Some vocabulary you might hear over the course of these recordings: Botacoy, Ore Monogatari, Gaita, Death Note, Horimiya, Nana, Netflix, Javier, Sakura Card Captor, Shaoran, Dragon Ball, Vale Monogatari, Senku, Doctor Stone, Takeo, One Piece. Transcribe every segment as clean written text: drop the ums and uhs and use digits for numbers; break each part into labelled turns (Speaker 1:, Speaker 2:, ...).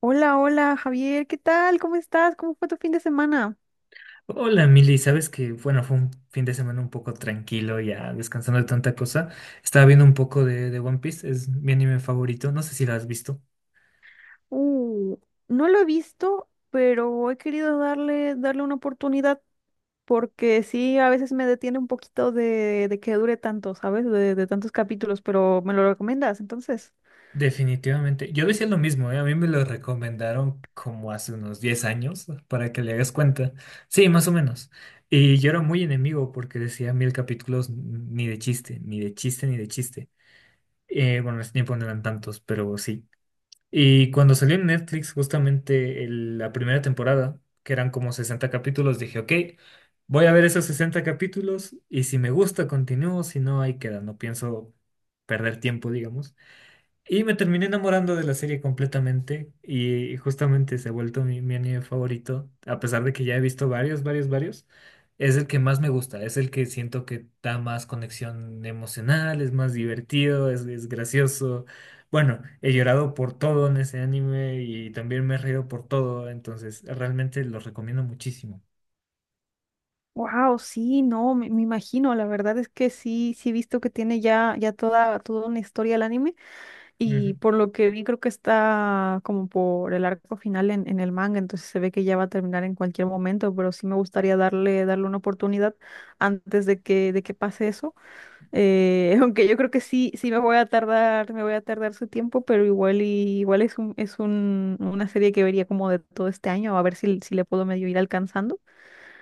Speaker 1: Hola, hola Javier, ¿qué tal? ¿Cómo estás? ¿Cómo fue tu fin de semana?
Speaker 2: Hola, Mili, sabes que, bueno, fue un fin de semana un poco tranquilo, ya descansando de tanta cosa. Estaba viendo un poco de One Piece, es mi anime favorito, no sé si lo has visto.
Speaker 1: Uh, no lo he visto, pero he querido darle una oportunidad porque sí, a veces me detiene un poquito de que dure tanto, ¿sabes? De tantos capítulos, pero me lo recomiendas, entonces.
Speaker 2: Definitivamente, yo decía lo mismo, ¿eh? A mí me lo recomendaron como hace unos 10 años, para que le hagas cuenta. Sí, más o menos. Y yo era muy enemigo porque decía mil capítulos, ni de chiste, ni de chiste, ni de chiste. Bueno, en ese tiempo no eran tantos, pero sí. Y cuando salió en Netflix justamente la primera temporada, que eran como 60 capítulos, dije, ok, voy a ver esos 60 capítulos y si me gusta continúo, si no, ahí queda, no pienso perder tiempo, digamos. Y me terminé enamorando de la serie completamente y justamente se ha vuelto mi anime favorito, a pesar de que ya he visto varios, varios, varios. Es el que más me gusta, es el que siento que da más conexión emocional, es más divertido, es gracioso. Bueno, he llorado por todo en ese anime y también me he reído por todo, entonces realmente lo recomiendo muchísimo.
Speaker 1: Wow, sí, no, me imagino, la verdad es que sí, sí he visto que tiene ya toda una historia el anime. Y
Speaker 2: Ujú.
Speaker 1: por lo que vi, creo que está como por el arco final en el manga, entonces se ve que ya va a terminar en cualquier momento, pero sí me gustaría darle una oportunidad antes de de que pase eso. Aunque yo creo que sí, sí me voy a tardar, me voy a tardar su tiempo, pero igual es una serie que vería como de todo este año, a ver si, si le puedo medio ir alcanzando.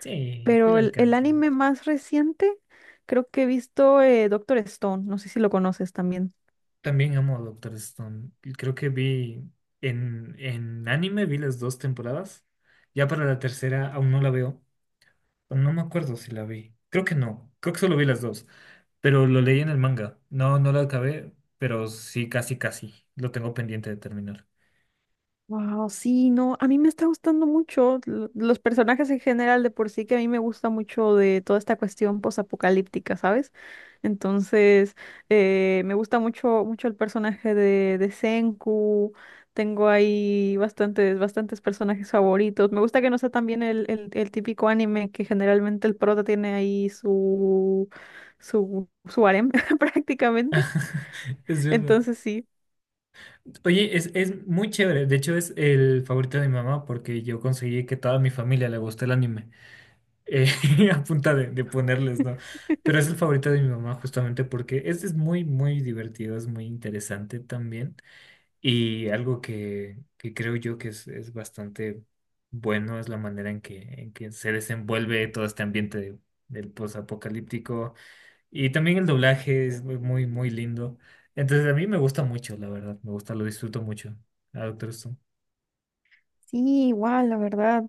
Speaker 2: Sí, sí le
Speaker 1: Pero el
Speaker 2: alcanza.
Speaker 1: anime más reciente, creo que he visto Doctor Stone, no sé si lo conoces también.
Speaker 2: También amo a Doctor Stone. Y creo que vi en anime, vi las dos temporadas. Ya para la tercera aún no la veo. Aún no me acuerdo si la vi. Creo que no. Creo que solo vi las dos. Pero lo leí en el manga. No, no lo acabé, pero sí, casi, casi. Lo tengo pendiente de terminar.
Speaker 1: Wow, sí, no, a mí me está gustando mucho los personajes en general, de por sí que a mí me gusta mucho de toda esta cuestión posapocalíptica, ¿sabes? Entonces, me gusta mucho mucho el personaje de Senku. Tengo ahí bastantes bastantes personajes favoritos. Me gusta que no sea también el típico anime que generalmente el prota tiene ahí su su harem prácticamente.
Speaker 2: Es verdad.
Speaker 1: Entonces, sí.
Speaker 2: Oye, es muy chévere. De hecho, es el favorito de mi mamá porque yo conseguí que toda mi familia le guste el anime. eh, a punta de ponerles, ¿no? Pero es el favorito de mi mamá justamente porque este es muy, muy divertido, es muy interesante también. Y algo que creo yo que es bastante bueno es la manera en que se desenvuelve todo este ambiente del posapocalíptico. Y también el doblaje es muy, muy muy lindo. Entonces a mí me gusta mucho, la verdad, me gusta, lo disfruto mucho. Ah, Doctor Stone.
Speaker 1: Sí, igual, la verdad.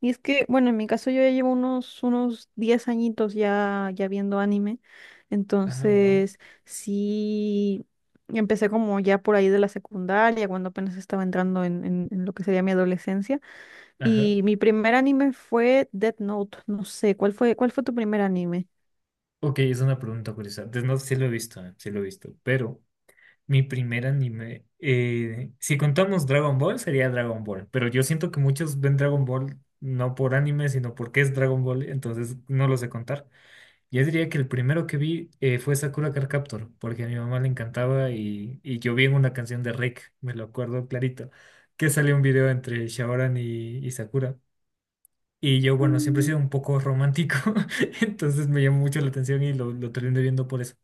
Speaker 1: Y es que, bueno, en mi caso yo ya llevo unos, unos 10 añitos ya, ya viendo anime.
Speaker 2: Ajá, wow.
Speaker 1: Entonces, sí, empecé como ya por ahí de la secundaria, cuando apenas estaba entrando en lo que sería mi adolescencia.
Speaker 2: Ajá.
Speaker 1: Y mi primer anime fue Death Note. No sé, cuál fue tu primer anime?
Speaker 2: Ok, es una pregunta curiosa. Entonces, no, sí lo he visto, sí lo he visto, pero mi primer anime, si contamos Dragon Ball, sería Dragon Ball. Pero yo siento que muchos ven Dragon Ball no por anime, sino porque es Dragon Ball, entonces no lo sé contar. Yo diría que el primero que vi, fue Sakura Card Captor, porque a mi mamá le encantaba y yo vi en una canción de Rick, me lo acuerdo clarito, que salió un video entre Shaoran y Sakura. Y yo, bueno, siempre he sido un poco romántico, entonces me llamó mucho la atención y lo terminé viendo por eso,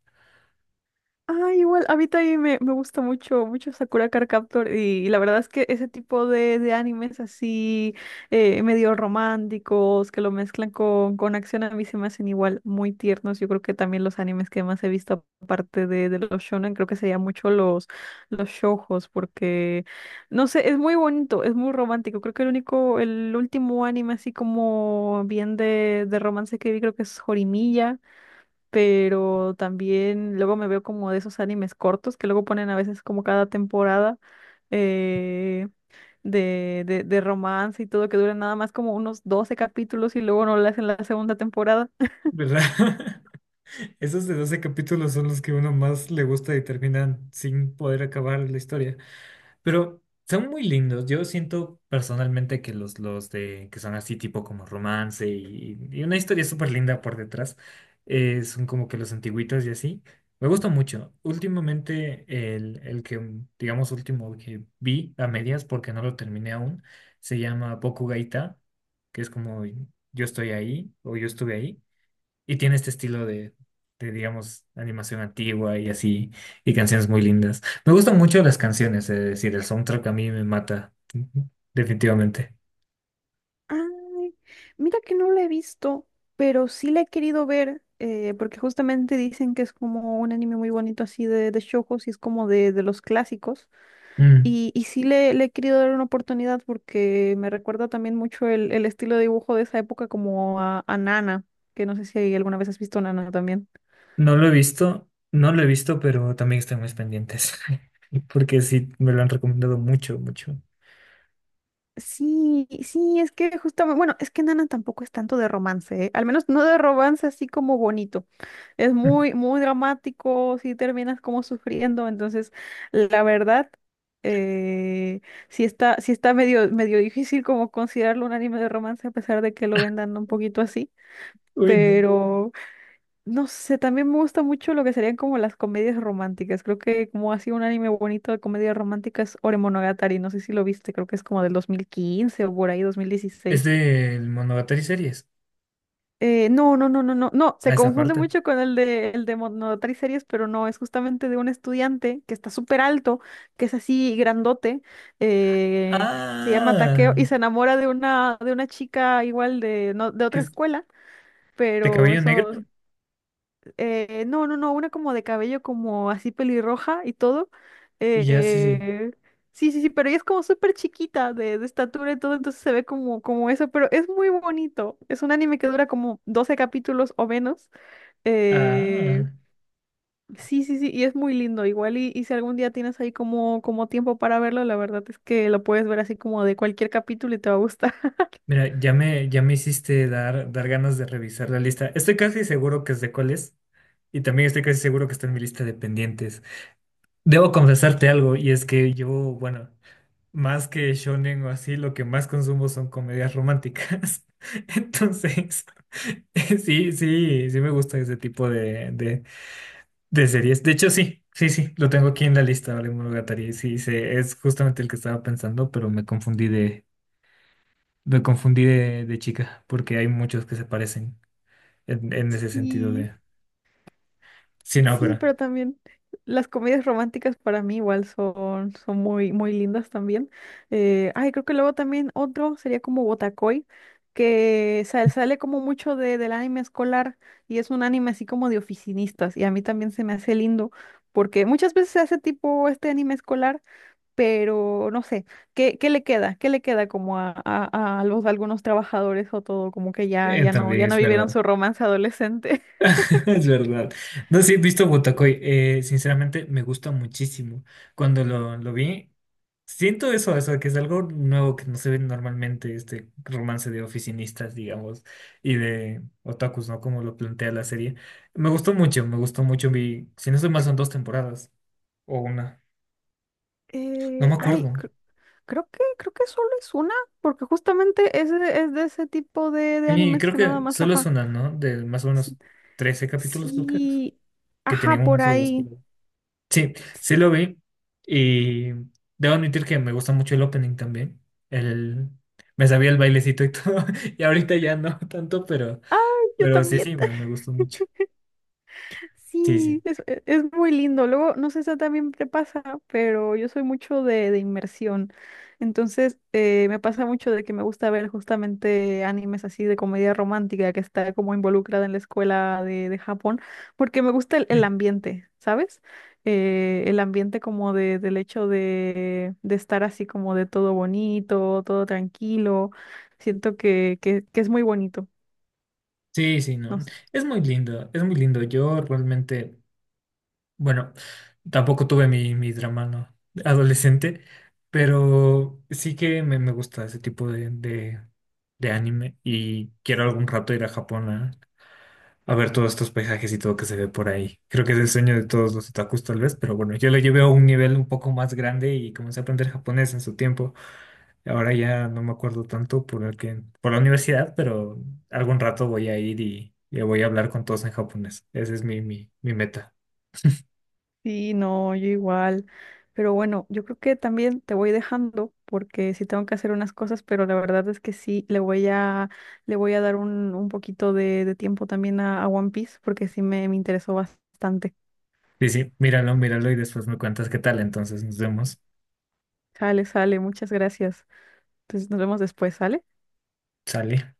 Speaker 1: Ah, igual, a mí también me gusta mucho, mucho Sakura Card Captor y, la verdad es que ese tipo de animes así, medio románticos, que lo mezclan con acción, a mí se me hacen igual muy tiernos. Yo creo que también los animes que más he visto, aparte de los shonen, creo que serían mucho los shoujos, porque, no sé, es muy bonito, es muy romántico. Creo que el único, el último anime así como bien de romance que vi creo que es Horimiya, pero también luego me veo como de esos animes cortos que luego ponen a veces como cada temporada, eh, de romance y todo, que duran nada más como unos 12 capítulos y luego no lo hacen la segunda temporada.
Speaker 2: ¿verdad? Esos de 12 capítulos son los que uno más le gusta y terminan sin poder acabar la historia. Pero son muy lindos. Yo siento personalmente que los de que son así tipo como romance y una historia súper linda por detrás, son como que los antiguitos y así. Me gusta mucho. Últimamente el que, digamos, último que vi a medias porque no lo terminé aún, se llama Gaita, que es como Yo estoy ahí o Yo estuve ahí. Y tiene este estilo digamos, animación antigua y así, y canciones muy lindas. Me gustan mucho las canciones, es decir, el soundtrack a mí me mata, definitivamente.
Speaker 1: Ay, mira que no la he visto, pero sí la he querido ver, porque justamente dicen que es como un anime muy bonito así de shoujos y es como de los clásicos.
Speaker 2: Mm,
Speaker 1: Y sí le he querido dar una oportunidad porque me recuerda también mucho el estilo de dibujo de esa época como a Nana, que no sé si alguna vez has visto Nana también.
Speaker 2: No lo he visto, no lo he visto, pero también están mis pendientes, porque sí, me lo han recomendado mucho, mucho.
Speaker 1: Sí, sí, es que justamente, bueno, es que Nana tampoco es tanto de romance, ¿eh? Al menos no de romance así como bonito. Es muy, muy dramático, si terminas como sufriendo, entonces la verdad, eh, sí está medio, medio difícil como considerarlo un anime de romance a pesar de que lo vendan un poquito así.
Speaker 2: Bueno.
Speaker 1: Pero no sé, también me gusta mucho lo que serían como las comedias románticas. Creo que como ha sido un anime bonito de comedias románticas, Ore Monogatari, no sé si lo viste, creo que es como del 2015 o por ahí
Speaker 2: Es
Speaker 1: 2016.
Speaker 2: del Monogatari series,
Speaker 1: No, no, no, no, no, no,
Speaker 2: a
Speaker 1: se
Speaker 2: esa
Speaker 1: confunde
Speaker 2: parte.
Speaker 1: mucho con el de Monogatari series, pero no, es justamente de un estudiante que está súper alto, que es así grandote, que se llama Takeo
Speaker 2: Ah,
Speaker 1: y se enamora de una chica igual de, no, de otra
Speaker 2: es
Speaker 1: escuela,
Speaker 2: de
Speaker 1: pero
Speaker 2: cabello
Speaker 1: eso.
Speaker 2: negro.
Speaker 1: No, no, no, una como de cabello como así pelirroja y todo.
Speaker 2: Ya, sí, sí.
Speaker 1: Eh, sí, sí, sí, pero ella es como súper chiquita de estatura y todo, entonces se ve como, como eso, pero es muy bonito. Es un anime que dura como 12 capítulos o menos. Eh,
Speaker 2: Ah.
Speaker 1: sí, sí, sí, y es muy lindo. Igual y si algún día tienes ahí como, como tiempo para verlo, la verdad es que lo puedes ver así como de cualquier capítulo y te va a gustar.
Speaker 2: Mira, ya me hiciste dar ganas de revisar la lista. Estoy casi seguro que sé cuál es y también estoy casi seguro que está en mi lista de pendientes. Debo confesarte algo y es que yo, bueno, más que shonen o así, lo que más consumo son comedias románticas. Entonces, sí, sí, sí me gusta ese tipo de series. De hecho, sí, sí, sí, lo tengo aquí en la lista, Vale Monogatari. Sí, sí, es justamente el que estaba pensando, pero me confundí de chica, porque hay muchos que se parecen en, en ese sentido
Speaker 1: Sí.
Speaker 2: de sin
Speaker 1: Sí,
Speaker 2: ópera.
Speaker 1: pero también las comedias románticas para mí igual son, son muy, muy lindas también. Ay, creo que luego también otro sería como Botacoy, que sale como mucho del anime escolar y es un anime así como de oficinistas y a mí también se me hace lindo porque muchas veces se hace tipo este anime escolar, pero no sé, ¿qué, qué le queda? ¿Qué le queda como a los, algunos trabajadores o todo? Como que ya, ya no,
Speaker 2: También
Speaker 1: ya no
Speaker 2: es
Speaker 1: vivieron
Speaker 2: verdad,
Speaker 1: su romance adolescente.
Speaker 2: es verdad. No sí he visto Botacoy, sinceramente me gusta muchísimo. Cuando lo vi, siento que es algo nuevo que no se ve normalmente, este romance de oficinistas, digamos, y de otakus, ¿no? Como lo plantea la serie. Me gustó mucho, me gustó mucho. Vi, si no estoy mal, son dos temporadas o una, no me
Speaker 1: Ay,
Speaker 2: acuerdo.
Speaker 1: creo que, creo que solo es una, porque justamente es, es de ese tipo de
Speaker 2: Sí,
Speaker 1: animes
Speaker 2: creo
Speaker 1: que nada
Speaker 2: que
Speaker 1: más,
Speaker 2: solo es
Speaker 1: ajá.
Speaker 2: una, ¿no? De más o menos
Speaker 1: s-
Speaker 2: 13 capítulos, creo que es,
Speaker 1: Sí,
Speaker 2: que
Speaker 1: ajá,
Speaker 2: tenía
Speaker 1: por
Speaker 2: unas obras por
Speaker 1: ahí.
Speaker 2: ahí. Sí, sí lo vi y debo admitir que me gusta mucho el opening también. El, Me sabía el bailecito y todo, y ahorita ya no tanto, pero,
Speaker 1: Yo
Speaker 2: pero sí,
Speaker 1: también.
Speaker 2: sí, me gustó mucho. Sí, sí.
Speaker 1: Sí, es muy lindo. Luego, no sé si también te pasa, pero yo soy mucho de inmersión. Entonces, me pasa mucho de que me gusta ver justamente animes así de comedia romántica que está como involucrada en la escuela de Japón, porque me gusta el ambiente, ¿sabes? El ambiente como del hecho de estar así como de todo bonito, todo tranquilo. Siento que es muy bonito.
Speaker 2: Sí, sí, no.
Speaker 1: No.
Speaker 2: Es muy lindo, es muy lindo. Yo realmente... Bueno, tampoco tuve mi drama, ¿no? Adolescente, pero sí que me gusta ese tipo de anime y quiero algún rato ir a Japón a ver todos estos paisajes y todo que se ve por ahí. Creo que es el sueño de todos los otakus tal vez, pero bueno, yo lo llevé a un nivel un poco más grande y comencé a aprender japonés en su tiempo. Ahora ya no me acuerdo tanto por el que, por la universidad, pero algún rato voy a ir y voy a hablar con todos en japonés. Ese es mi meta.
Speaker 1: Sí, no, yo igual. Pero bueno, yo creo que también te voy dejando porque sí tengo que hacer unas cosas, pero la verdad es que sí, le voy le voy a dar un poquito de tiempo también a One Piece porque sí me interesó bastante.
Speaker 2: Sí, sí, míralo, míralo y después me cuentas qué tal. Entonces nos vemos.
Speaker 1: Sale, sale, muchas gracias. Entonces nos vemos después, ¿sale?
Speaker 2: Sale.